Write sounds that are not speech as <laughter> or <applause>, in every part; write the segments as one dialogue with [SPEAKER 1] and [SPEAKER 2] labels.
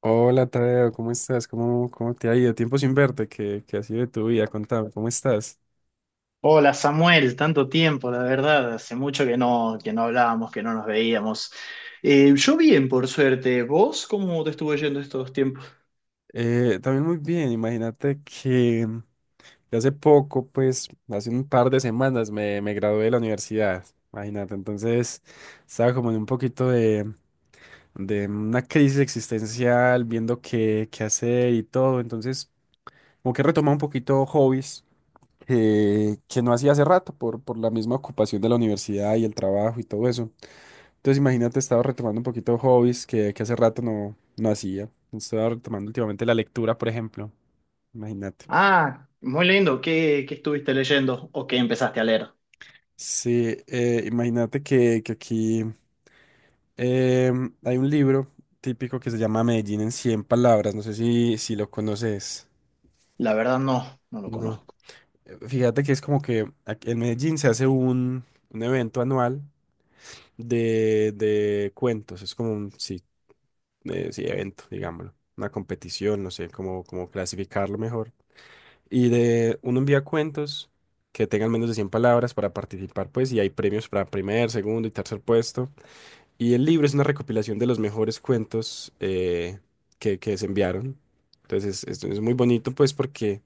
[SPEAKER 1] Hola Tadeo, ¿cómo estás? ¿Cómo te ha ido? Tiempo sin verte, ¿qué ha sido de tu vida? Contame, ¿cómo estás?
[SPEAKER 2] Hola Samuel, tanto tiempo, la verdad, hace mucho que no hablábamos, que no nos veíamos. Yo bien, por suerte. ¿Vos cómo te estuvo yendo estos tiempos?
[SPEAKER 1] También muy bien, imagínate que hace poco, pues hace un par de semanas me gradué de la universidad, imagínate. Entonces estaba como en un poquito de una crisis existencial, viendo qué hacer y todo. Entonces como que retomé un poquito hobbies que no hacía hace rato por la misma ocupación de la universidad y el trabajo y todo eso. Entonces imagínate, estaba retomando un poquito hobbies que hace rato no hacía. Estaba retomando últimamente la lectura, por ejemplo. Imagínate.
[SPEAKER 2] Ah, muy lindo. ¿Qué estuviste leyendo o qué empezaste a leer?
[SPEAKER 1] Sí, imagínate que aquí hay un libro típico que se llama Medellín en 100 palabras. No sé si lo conoces.
[SPEAKER 2] La verdad no lo
[SPEAKER 1] No.
[SPEAKER 2] conozco.
[SPEAKER 1] Fíjate que es como que aquí en Medellín se hace un evento anual de cuentos. Es como un sí, sí, evento, digámoslo. Una competición, no sé cómo clasificarlo mejor. Y de uno envía cuentos que tengan menos de 100 palabras para participar, pues, y hay premios para primer, segundo y tercer puesto. Y el libro es una recopilación de los mejores cuentos que se enviaron. Entonces es muy bonito, pues, porque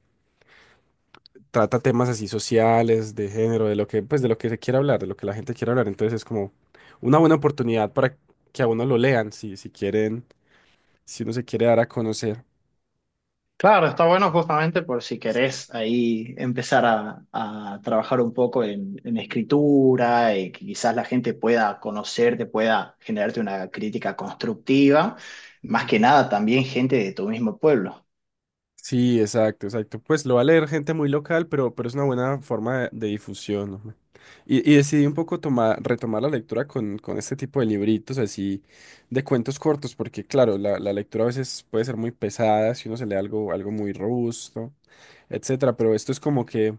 [SPEAKER 1] trata temas así sociales, de género, de lo que, pues, de lo que se quiere hablar, de lo que la gente quiere hablar. Entonces es como una buena oportunidad para que a uno lo lean, si quieren, si uno se quiere dar a conocer.
[SPEAKER 2] Claro, está bueno justamente por si querés ahí empezar a trabajar un poco en escritura y que quizás la gente pueda conocerte, pueda generarte una crítica constructiva. Más que nada también gente de tu mismo pueblo.
[SPEAKER 1] Sí, exacto, exacto. Pues lo va a leer gente muy local, pero es una buena forma de difusión, ¿no? Y decidí un poco tomar, retomar la lectura con este tipo de libritos así de cuentos cortos, porque claro, la lectura a veces puede ser muy pesada si uno se lee algo, algo muy robusto, etcétera. Pero esto es como que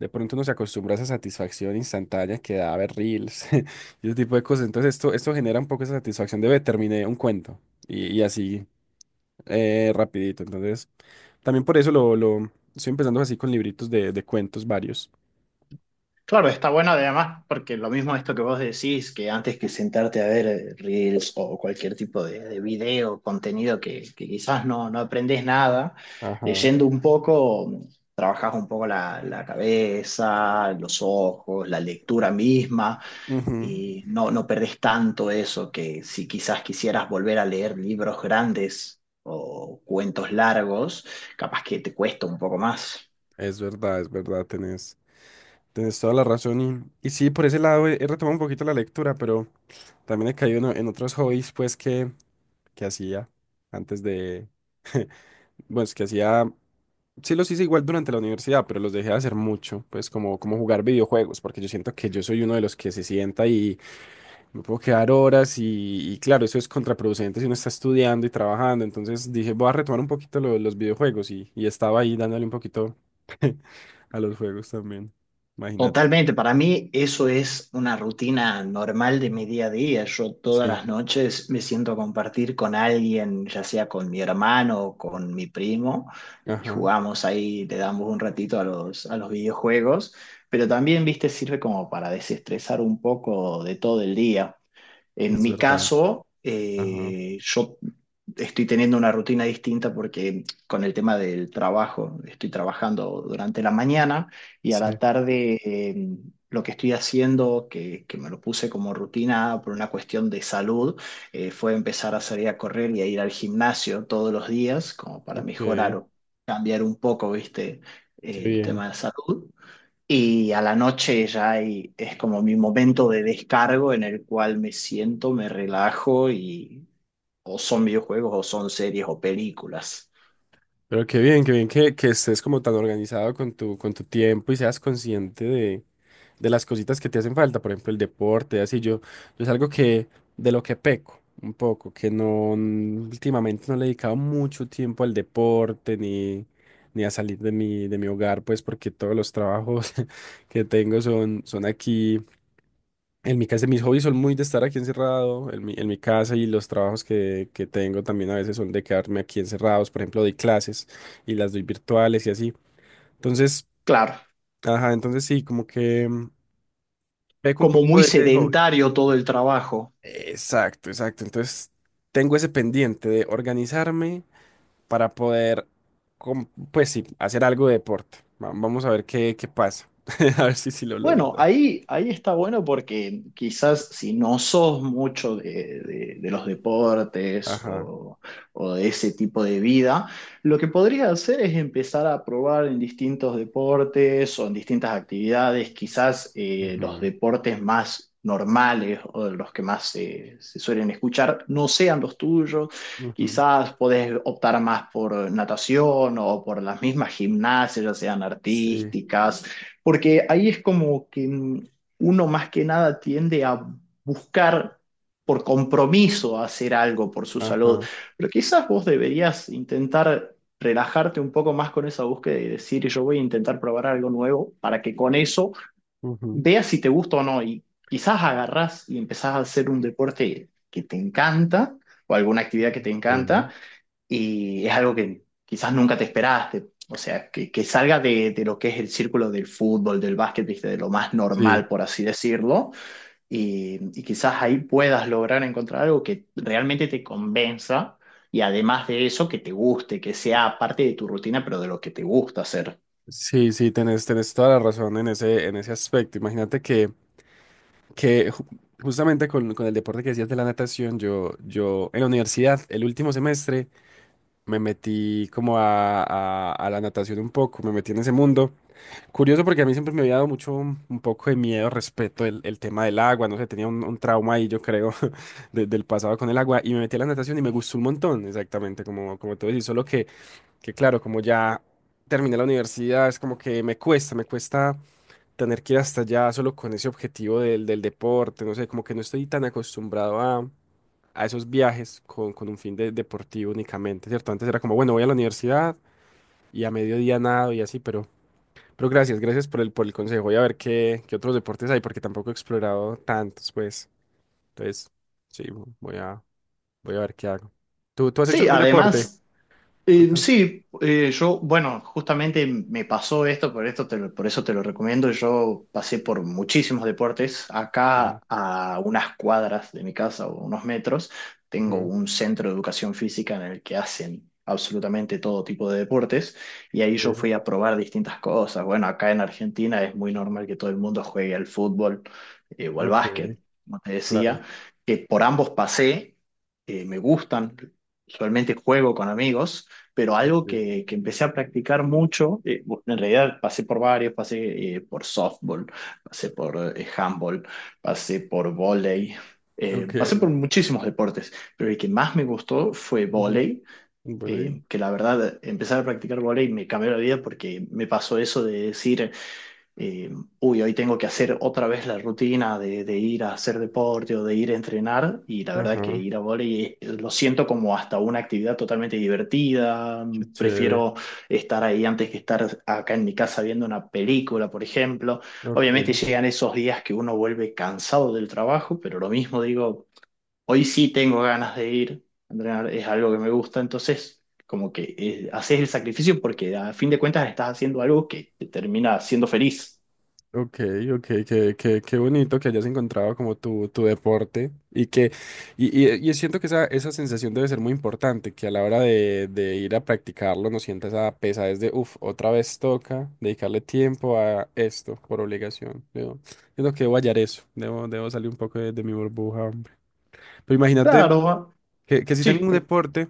[SPEAKER 1] de pronto uno se acostumbra a esa satisfacción instantánea que da ver reels <laughs> y ese tipo de cosas. Entonces esto genera un poco esa satisfacción de "Ve, terminé un cuento". Y así rapidito. Entonces, también por eso lo estoy empezando así con libritos de cuentos varios.
[SPEAKER 2] Claro, está bueno además, porque lo mismo esto que vos decís, que antes que sentarte a ver reels o cualquier tipo de video, contenido que quizás no aprendes nada,
[SPEAKER 1] Ajá.
[SPEAKER 2] leyendo un poco, trabajás un poco la cabeza, los ojos, la lectura misma,
[SPEAKER 1] Ujú.
[SPEAKER 2] y no perdés tanto eso que si quizás quisieras volver a leer libros grandes o cuentos largos, capaz que te cuesta un poco más.
[SPEAKER 1] Es verdad, tenés, tenés toda la razón. Y sí, por ese lado he, he retomado un poquito la lectura, pero también he caído en otros hobbies, pues, que hacía antes de, bueno, es que hacía, sí los hice igual durante la universidad, pero los dejé de hacer mucho, pues, como, como jugar videojuegos, porque yo siento que yo soy uno de los que se sienta. Me puedo quedar horas y claro, eso es contraproducente si uno está estudiando y trabajando. Entonces dije, voy a retomar un poquito los videojuegos y estaba ahí dándole un poquito <laughs> a los juegos también. Imagínate.
[SPEAKER 2] Totalmente, para mí eso es una rutina normal de mi día a día. Yo todas
[SPEAKER 1] Sí,
[SPEAKER 2] las noches me siento a compartir con alguien, ya sea con mi hermano o con mi primo, y
[SPEAKER 1] ajá,
[SPEAKER 2] jugamos ahí, le damos un ratito a los videojuegos, pero también, viste, sirve como para desestresar un poco de todo el día. En
[SPEAKER 1] es
[SPEAKER 2] mi
[SPEAKER 1] verdad.
[SPEAKER 2] caso,
[SPEAKER 1] Ajá,
[SPEAKER 2] yo estoy teniendo una rutina distinta porque con el tema del trabajo, estoy trabajando durante la mañana y a la
[SPEAKER 1] sí,
[SPEAKER 2] tarde lo que estoy haciendo, que me lo puse como rutina por una cuestión de salud, fue empezar a salir a correr y a ir al gimnasio todos los días como para
[SPEAKER 1] ok,
[SPEAKER 2] mejorar
[SPEAKER 1] qué
[SPEAKER 2] o cambiar un poco, ¿viste? El
[SPEAKER 1] bien.
[SPEAKER 2] tema de salud. Y a la noche ya es como mi momento de descargo en el cual me siento, me relajo y o son videojuegos o son series o películas.
[SPEAKER 1] Pero qué bien que estés como tan organizado con tu tiempo y seas consciente de las cositas que te hacen falta, por ejemplo, el deporte. Así yo, yo es algo que, de lo que peco un poco, que no, últimamente no le he dedicado mucho tiempo al deporte ni, ni a salir de mi hogar, pues porque todos los trabajos <laughs> que tengo son, son aquí. En mi casa, mis hobbies son muy de estar aquí encerrado, en mi casa, y los trabajos que tengo también a veces son de quedarme aquí encerrados. Por ejemplo, doy clases y las doy virtuales y así. Entonces,
[SPEAKER 2] Claro,
[SPEAKER 1] ajá, entonces sí, como que peco un
[SPEAKER 2] como
[SPEAKER 1] poco
[SPEAKER 2] muy
[SPEAKER 1] de ese hobby.
[SPEAKER 2] sedentario todo el trabajo.
[SPEAKER 1] Exacto, exacto. Entonces, tengo ese pendiente de organizarme para poder, com- pues sí, hacer algo de deporte. Vamos a ver qué, qué pasa. <laughs> A ver si, si lo logro.
[SPEAKER 2] Bueno, ahí está bueno porque quizás si no sos mucho de, de los deportes
[SPEAKER 1] Ajá.
[SPEAKER 2] o de ese tipo de vida, lo que podrías hacer es empezar a probar en distintos deportes o en distintas actividades, quizás los
[SPEAKER 1] Ujú,
[SPEAKER 2] deportes más normales o los que más se suelen escuchar no sean los tuyos,
[SPEAKER 1] ujú.
[SPEAKER 2] quizás podés optar más por natación o por las mismas gimnasias, ya sean
[SPEAKER 1] Sí,
[SPEAKER 2] artísticas porque ahí es como que uno más que nada tiende a buscar por compromiso hacer algo por su salud.
[SPEAKER 1] ajá,
[SPEAKER 2] Pero quizás vos deberías intentar relajarte un poco más con esa búsqueda y decir, yo voy a intentar probar algo nuevo para que con eso
[SPEAKER 1] ujú,
[SPEAKER 2] veas si te gusta o no. Y quizás agarrás y empezás a hacer un deporte que te encanta o alguna actividad que te encanta
[SPEAKER 1] sí.
[SPEAKER 2] y es algo que quizás nunca te esperaste. O sea, que salga de lo que es el círculo del fútbol, del básquet, viste, de lo más
[SPEAKER 1] Sí,
[SPEAKER 2] normal, por así decirlo, y quizás ahí puedas lograr encontrar algo que realmente te convenza y además de eso, que te guste, que sea parte de tu rutina, pero de lo que te gusta hacer.
[SPEAKER 1] sí, tenés, tenés toda la razón en ese aspecto. Imagínate que ju- justamente con el deporte que decías de la natación, yo en la universidad, el último semestre, me metí como a la natación un poco, me metí en ese mundo. Curioso porque a mí siempre me había dado mucho un poco de miedo respecto el tema del agua, no sé, tenía un trauma ahí, yo creo, <laughs> del pasado con el agua, y me metí a la natación y me gustó un montón, exactamente, como, como tú decís. Solo que claro, como ya terminé la universidad, es como que me cuesta tener que ir hasta allá solo con ese objetivo del, del deporte. No sé, como que no estoy tan acostumbrado a esos viajes con un fin deportivo únicamente, ¿cierto? Antes era como, bueno, voy a la universidad y a mediodía nado y así, pero gracias, gracias por el consejo. Voy a ver qué, qué otros deportes hay, porque tampoco he explorado tantos, pues. Entonces, sí, voy a, voy a ver qué hago. ¿Tú has hecho
[SPEAKER 2] Sí,
[SPEAKER 1] algún deporte?
[SPEAKER 2] además... Eh,
[SPEAKER 1] Contame.
[SPEAKER 2] sí, eh, yo, bueno, justamente me pasó esto, por esto por eso te lo recomiendo. Yo pasé por muchísimos deportes. Acá
[SPEAKER 1] Ok,
[SPEAKER 2] a unas cuadras de mi casa o unos metros, tengo
[SPEAKER 1] ujú,
[SPEAKER 2] un centro de educación física en el que hacen absolutamente todo tipo de deportes y ahí yo
[SPEAKER 1] sí,
[SPEAKER 2] fui a probar distintas cosas. Bueno, acá en Argentina es muy normal que todo el mundo juegue al fútbol o al
[SPEAKER 1] ok,
[SPEAKER 2] básquet, como te decía,
[SPEAKER 1] claro.
[SPEAKER 2] que por ambos pasé, me gustan. Usualmente juego con amigos pero algo
[SPEAKER 1] Okay.
[SPEAKER 2] que empecé a practicar mucho, en realidad pasé por varios, pasé por softball, pasé por handball, pasé por vóley,
[SPEAKER 1] Ok.
[SPEAKER 2] pasé por muchísimos deportes, pero el que más me gustó fue
[SPEAKER 1] Ujú.
[SPEAKER 2] vóley,
[SPEAKER 1] Vale.
[SPEAKER 2] que la verdad empezar a practicar vóley me cambió la vida porque me pasó eso de decir eh, uy, hoy tengo que hacer otra vez la rutina de ir a hacer deporte o de ir a entrenar, y la verdad que
[SPEAKER 1] Ajá.
[SPEAKER 2] ir a volei lo siento como hasta una actividad totalmente divertida,
[SPEAKER 1] Qué chévere.
[SPEAKER 2] prefiero estar ahí antes que estar acá en mi casa viendo una película, por ejemplo. Obviamente
[SPEAKER 1] Ok,
[SPEAKER 2] llegan esos días que uno vuelve cansado del trabajo, pero lo mismo digo, hoy sí tengo ganas de ir a entrenar, es algo que me gusta, entonces... Como que haces el sacrificio porque a fin de cuentas estás haciendo algo que te termina haciendo feliz.
[SPEAKER 1] ok, ok, qué, qué, qué bonito que hayas encontrado como tu deporte. Y siento que esa sensación debe ser muy importante, que a la hora de ir a practicarlo no sientas esa pesadez de, uff, otra vez toca dedicarle tiempo a esto por obligación. Yo siento que debo hallar eso, debo, debo salir un poco de mi burbuja, hombre. Pero imagínate
[SPEAKER 2] Claro,
[SPEAKER 1] que si
[SPEAKER 2] sí,
[SPEAKER 1] tengo un
[SPEAKER 2] pero-
[SPEAKER 1] deporte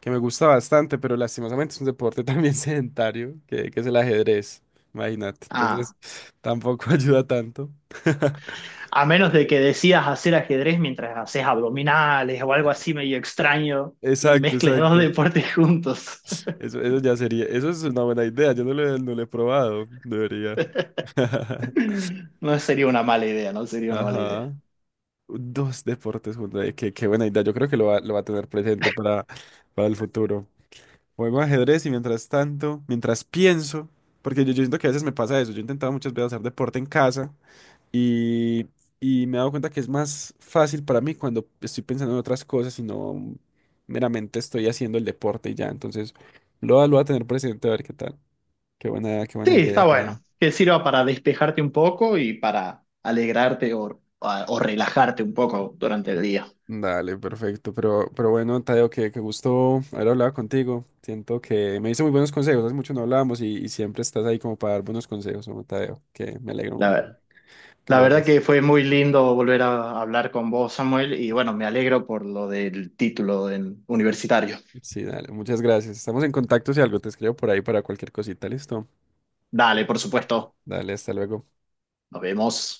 [SPEAKER 1] que me gusta bastante, pero lastimosamente es un deporte también <laughs> sedentario, que es el ajedrez, imagínate.
[SPEAKER 2] ah,
[SPEAKER 1] Entonces, tampoco <laughs> ayuda tanto. <laughs>
[SPEAKER 2] a menos de que decidas hacer ajedrez mientras haces abdominales o algo así medio extraño y
[SPEAKER 1] Exacto,
[SPEAKER 2] mezcles dos
[SPEAKER 1] exacto.
[SPEAKER 2] deportes juntos.
[SPEAKER 1] Eso ya sería, eso es una buena idea, yo no no lo he probado, debería.
[SPEAKER 2] <laughs>
[SPEAKER 1] <laughs>
[SPEAKER 2] No sería una mala idea, no sería una mala
[SPEAKER 1] Ajá.
[SPEAKER 2] idea.
[SPEAKER 1] Dos deportes juntos, qué, qué buena idea, yo creo que lo va a tener presente para el futuro. Juego ajedrez y mientras tanto, mientras pienso, porque yo siento que a veces me pasa eso, yo he intentado muchas veces hacer deporte en casa. Y, y me he dado cuenta que es más fácil para mí cuando estoy pensando en otras cosas y no meramente estoy haciendo el deporte y ya. Entonces, lo voy a tener presente a ver qué tal. Qué
[SPEAKER 2] Sí,
[SPEAKER 1] buena idea,
[SPEAKER 2] está
[SPEAKER 1] Tadeo.
[SPEAKER 2] bueno, que sirva para despejarte un poco y para alegrarte o, o relajarte un poco durante el día.
[SPEAKER 1] Dale, perfecto. Pero bueno, Tadeo, que gusto haber hablado contigo. Siento que me hizo muy buenos consejos. Hace mucho no hablábamos y siempre estás ahí como para dar buenos consejos, ¿no, Tadeo? Que me alegro un montón
[SPEAKER 2] La,
[SPEAKER 1] que
[SPEAKER 2] la
[SPEAKER 1] lo
[SPEAKER 2] verdad
[SPEAKER 1] hagas.
[SPEAKER 2] que fue muy lindo volver a hablar con vos, Samuel, y
[SPEAKER 1] Sí,
[SPEAKER 2] bueno, me alegro por lo del título universitario.
[SPEAKER 1] sí, dale. Muchas gracias. Estamos en contacto si algo te escribo por ahí para cualquier cosita. Listo.
[SPEAKER 2] Dale, por supuesto.
[SPEAKER 1] Dale, hasta luego.
[SPEAKER 2] Nos vemos.